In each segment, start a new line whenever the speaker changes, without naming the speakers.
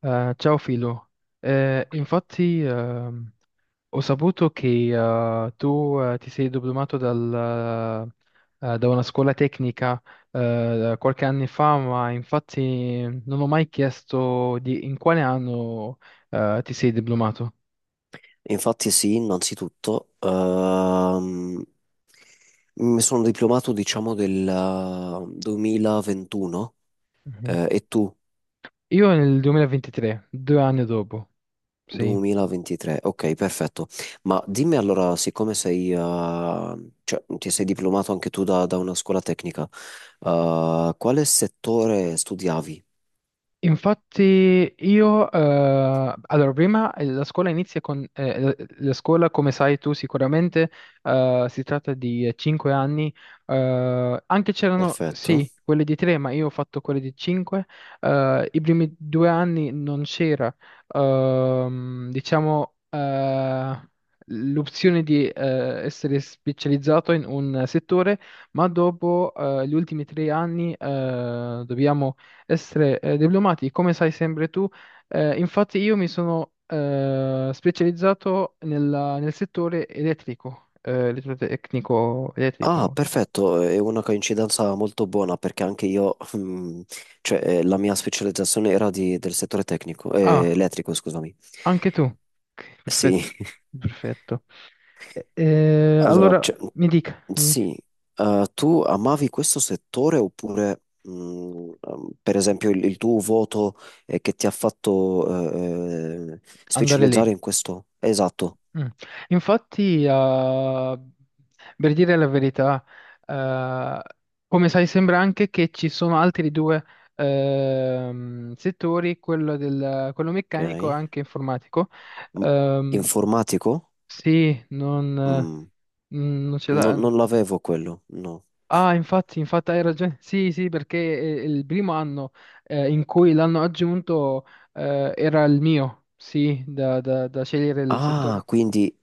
Ciao Filo. Infatti ho saputo che tu ti sei diplomato dal, da una scuola tecnica qualche anno fa, ma infatti non ho mai chiesto di in quale anno ti sei diplomato.
Infatti sì, innanzitutto, mi sono diplomato diciamo del 2021.
Mhm.
E tu
Io nel 2023, 2 anni dopo, sì.
2023, ok, perfetto. Ma dimmi allora, siccome sei, ti sei diplomato anche tu da, da una scuola tecnica, quale settore studiavi?
Infatti io, allora prima la scuola inizia con, la scuola come sai tu sicuramente, si tratta di 5 anni, anche c'erano
Perfetto.
sì quelle di 3, ma io ho fatto quelle di 5. I primi 2 anni non c'era, diciamo, l'opzione di essere specializzato in un settore, ma dopo gli ultimi 3 anni dobbiamo essere diplomati, come sai sempre tu. Infatti io mi sono specializzato nel settore elettrico, elettrotecnico,
Ah,
elettrico.
perfetto, è una coincidenza molto buona perché anche io, cioè, la mia specializzazione era del settore tecnico,
Ah,
elettrico, scusami.
anche tu. Ok.
Sì,
Perfetto, perfetto.
allora,
Allora
cioè,
mi dica,
sì. Tu amavi questo settore oppure, per esempio, il tuo voto che ti ha fatto
andare
specializzare
lì.
in questo? Esatto,
Mm. Infatti, per dire la verità, eh, come sai, sembra anche che ci sono altri due settori, quello, del, quello meccanico e
ok.
anche informatico.
M-
Ehm,
Informatico?
sì, non,
Mm,
non ce
non
l'ha.
non l'avevo quello, no.
Ah, infatti, infatti hai ragione. Sì, sì, perché è il primo anno in cui l'hanno aggiunto. Era il mio, sì, da scegliere il
Ah,
settore.
quindi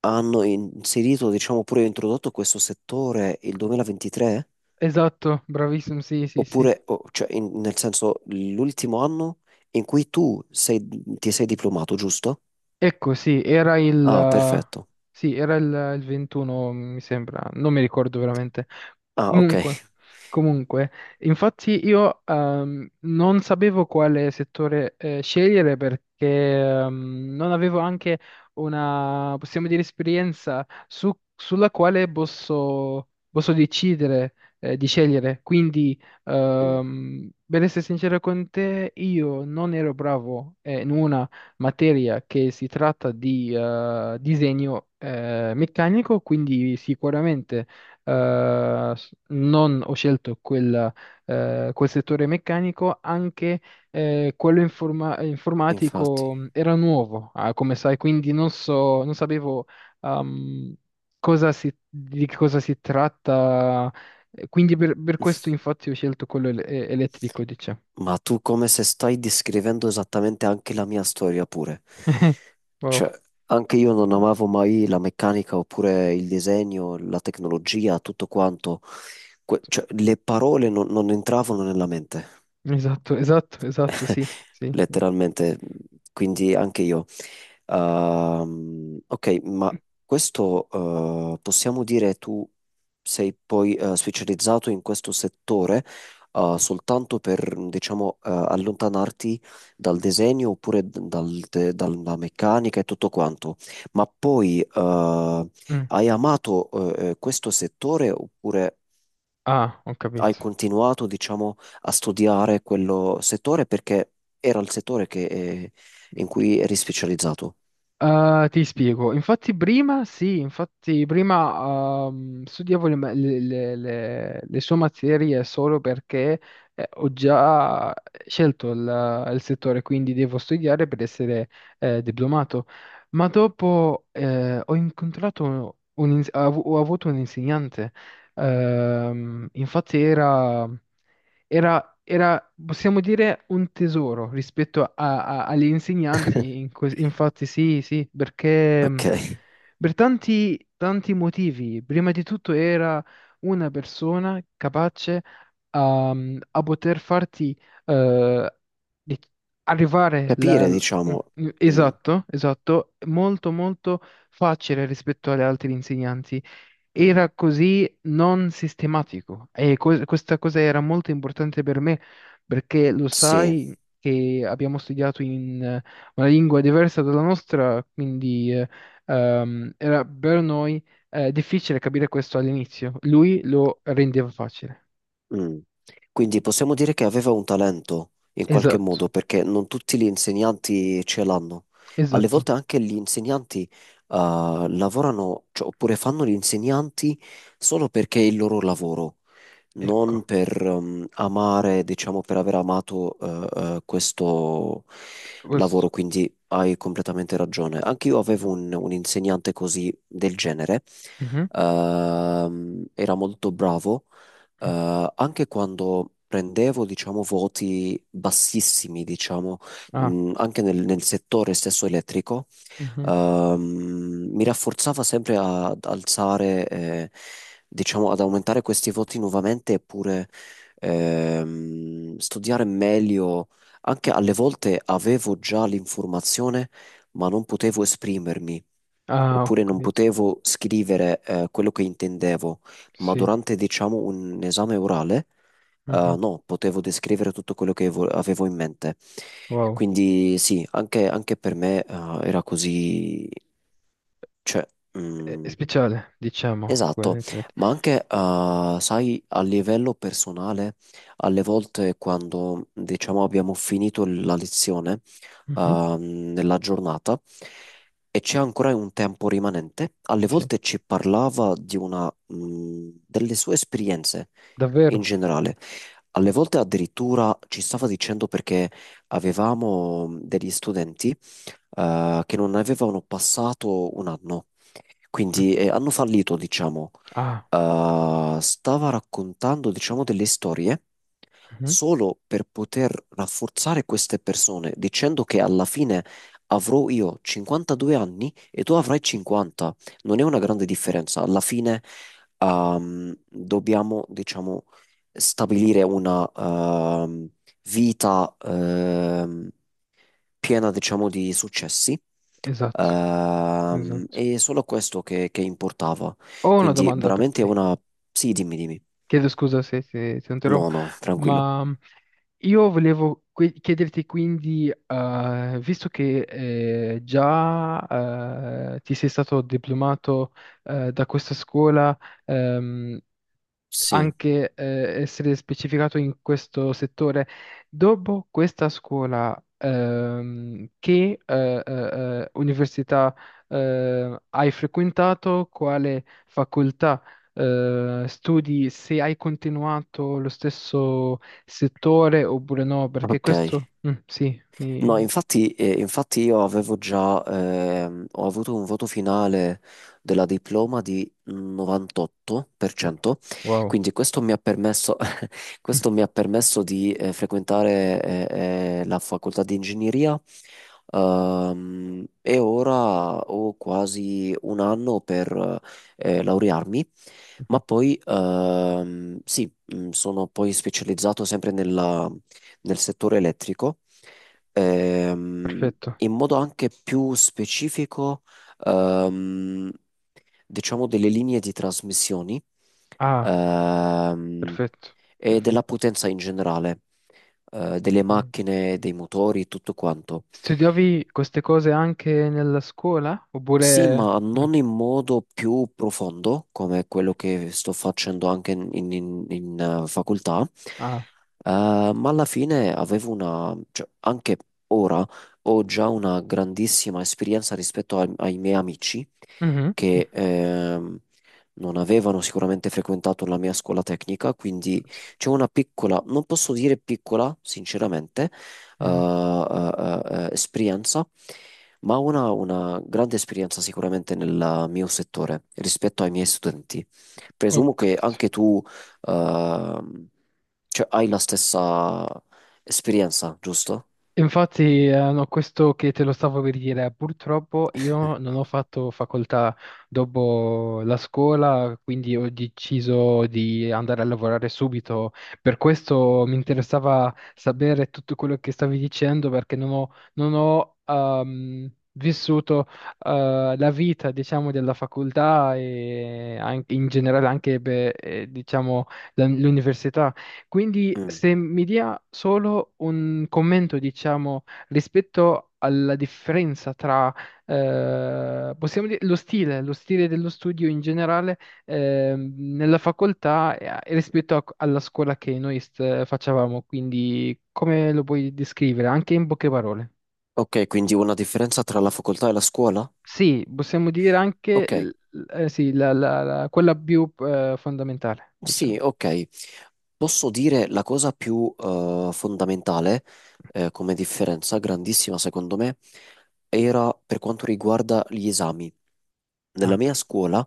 hanno inserito, diciamo pure introdotto questo settore il 2023?
Esatto, bravissimo, sì, sì, sì.
Oppure, nel senso, l'ultimo anno in cui ti sei diplomato, giusto?
Ecco,
Ah, perfetto.
sì, era il 21, mi sembra, non mi ricordo veramente.
Ah, ok.
Comunque, comunque, infatti io non sapevo quale settore scegliere, perché non avevo anche una, possiamo dire, esperienza sulla quale posso, posso decidere di scegliere. Quindi,
Mm,
per essere sincero con te, io non ero bravo in una materia che si tratta di disegno meccanico, quindi sicuramente non ho scelto quel, quel settore meccanico. Anche quello
infatti.
informatico era nuovo, ah, come sai, quindi non so, non sapevo ehm, di che cosa si tratta. Quindi per questo infatti ho scelto quello elettrico, diciamo.
Ma tu come se stai descrivendo esattamente anche la mia storia pure.
Wow.
Cioè, anche io non amavo mai la meccanica oppure il disegno, la tecnologia, tutto quanto. Cioè, le parole non entravano nella mente.
Esatto, esatto, esatto, sì, sì.
Letteralmente, quindi anche io. Ok, ma questo, possiamo dire tu sei poi specializzato in questo settore soltanto per, diciamo, allontanarti dal disegno oppure dalla meccanica e tutto quanto, ma poi,
Mm.
hai amato questo settore oppure
Ah, ho
hai
capito.
continuato, diciamo, a studiare quello settore perché era il settore che, in cui eri specializzato.
Ah, ti spiego. Infatti prima, sì, infatti prima studiavo le, le sue materie solo perché ho già scelto il settore, quindi devo studiare per essere diplomato. Ma dopo ho incontrato, un, ho avuto un insegnante. Infatti era, possiamo dire, un tesoro rispetto agli insegnanti, infatti sì, sì, perché
Ok.
per tanti, tanti motivi. Prima di tutto era una persona capace a poter farti, eh, di- arrivare la-
Capire,
l- mm,
diciamo.
mm,
Mm,
esatto, esatto, molto molto facile rispetto agli altri insegnanti.
mm,
Era così non sistematico, e questa cosa era molto importante per me, perché lo
sì.
sai che abbiamo studiato in una lingua diversa dalla nostra, quindi era per noi difficile capire questo all'inizio. Lui lo rendeva facile.
Mm. Quindi possiamo dire che aveva un talento in qualche
Esatto,
modo perché non tutti gli insegnanti ce l'hanno. Alle
esatto.
volte anche gli insegnanti, lavorano, cioè, oppure fanno gli insegnanti solo perché è il loro lavoro. Non
Ecco,
per, amare, diciamo per aver amato, questo lavoro,
questo.
quindi hai completamente ragione. Anche io avevo un insegnante così del genere.
Mhm.
Era molto bravo, anche quando prendevo, diciamo, voti bassissimi, diciamo,
Ah,
anche nel, nel settore stesso elettrico,
mhm.
mi rafforzava sempre ad alzare, diciamo, ad aumentare questi voti nuovamente, eppure, studiare meglio. Anche alle volte avevo già l'informazione, ma non potevo esprimermi.
Ah, ho
Oppure non
capito.
potevo scrivere, quello che intendevo, ma
Sì.
durante, diciamo, un esame orale,
Mhm.
no, potevo descrivere tutto quello che avevo in mente.
Wow.
Quindi sì, anche, anche per me, era così, cioè,
È
mm,
speciale, diciamo, quello.
Esatto, ma anche, sai, a livello personale, alle volte quando, diciamo, abbiamo finito la lezione, nella giornata e c'è ancora un tempo rimanente, alle
Sì,
volte ci parlava di una, delle sue esperienze in
davvero?
generale. Alle volte addirittura ci stava dicendo perché avevamo, degli studenti, che non avevano passato un anno,
Mm.
quindi, hanno fallito, diciamo.
Ah,
Stava raccontando, diciamo, delle storie
mhm.
solo per poter rafforzare queste persone, dicendo che alla fine avrò io 52 anni e tu avrai 50. Non è una grande differenza. Alla fine, dobbiamo, diciamo, stabilire una, vita, piena, diciamo, di successi.
Esatto, esatto.
E solo questo che importava.
Ho una
Quindi
domanda per
veramente
te.
una... Sì, dimmi, dimmi.
Chiedo scusa se ti
No,
interrompo,
no, tranquillo.
ma io volevo chiederti, quindi, visto che già ti sei stato diplomato da questa scuola, ehm,
Sì,
anche essere specificato in questo settore. Dopo questa scuola, che università hai frequentato, quale facoltà studi, se hai continuato lo stesso settore oppure no? Perché
ok.
questo, mm, sì,
No,
mi...
infatti, infatti io avevo già, ho avuto un voto finale della diploma di 98%,
Wow.
quindi questo mi ha permesso,
Mm,
questo mi ha permesso di frequentare la facoltà di ingegneria, e ora ho quasi un anno per laurearmi,
mhm.
ma poi, sì, sono poi specializzato sempre nel settore elettrico, ehm,
Perfetto.
in modo anche più specifico, ehm, diciamo, delle linee di trasmissioni.
Ah,
Ehm,
perfetto.
e della
Perfetto.
potenza in generale, delle
Ok.
macchine, dei motori, tutto quanto.
Studiavi queste cose anche nella scuola?
Sì,
Oppure...
ma
Mm.
non in modo più profondo, come quello che sto facendo anche in, facoltà.
Ah.
Eh, ma alla fine avevo una, cioè, anche ora ho già una grandissima esperienza rispetto ai, ai miei amici
Mhm. Mm.
che, non avevano sicuramente frequentato la mia scuola tecnica, quindi
Sì.
c'è una piccola, non posso dire piccola, sinceramente, eh,
Mhm.
eh, esperienza, ma ho una ha una grande esperienza sicuramente nel mio settore rispetto ai miei studenti.
Ho
Presumo che
capito.
anche tu, ehm, cioè, hai la stessa esperienza, giusto?
Infatti, no, questo che te lo stavo per dire: purtroppo io non ho fatto facoltà dopo la scuola, quindi ho deciso di andare a lavorare subito. Per questo mi interessava sapere tutto quello che stavi dicendo, perché non ho, vissuto, la vita, diciamo, della facoltà, e anche in generale anche, beh, diciamo, l'università. Quindi
Mm.
se mi dia solo un commento, diciamo, rispetto alla differenza tra, possiamo dire, lo stile dello studio in generale, nella facoltà e rispetto alla scuola che noi facevamo, quindi come lo puoi descrivere, anche in poche parole?
Ok, quindi una differenza tra la facoltà e la scuola?
Sì, possiamo dire anche,
Ok.
sì, quella più, fondamentale, diciamo.
Sì, ok. Posso dire la cosa più, fondamentale, come differenza, grandissima secondo me, era per quanto riguarda gli esami. Nella
Ah.
mia scuola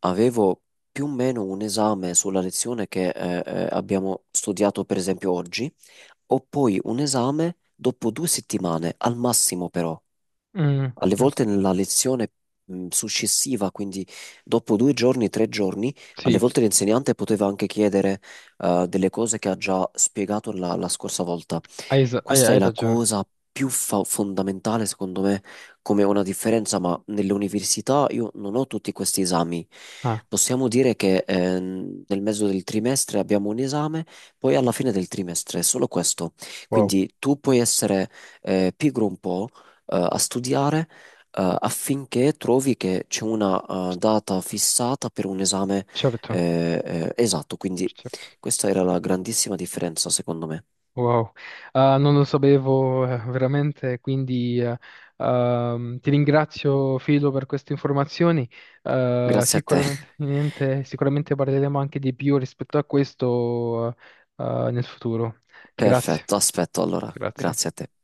avevo più o meno un esame sulla lezione che abbiamo studiato per esempio oggi, o poi un esame dopo 2 settimane, al massimo però.
Mm,
Alle
no.
volte nella lezione, successiva, quindi dopo 2 giorni, 3 giorni, alle
Sì,
volte l'insegnante poteva anche chiedere delle cose che ha già spiegato la, la scorsa volta.
hai,
Questa è
hai
la
ragione.
cosa più fondamentale, secondo me, come una differenza, ma nelle università io non ho tutti questi esami. Possiamo dire che, nel mezzo del trimestre abbiamo un esame, poi alla fine del trimestre è solo questo.
Wow.
Quindi tu puoi essere pigro un po' a studiare affinché trovi che c'è una
c-
data fissata per un esame,
certo,
esatto. Quindi
certo.
questa era la grandissima differenza, secondo me.
Wow. Ah, non lo sapevo veramente, quindi ti ringrazio, Filo, per queste informazioni.
Grazie a te.
Sicuramente, sicuramente parleremo anche di più rispetto a questo nel futuro. Grazie,
Perfetto, aspetto allora.
grazie.
Grazie a te.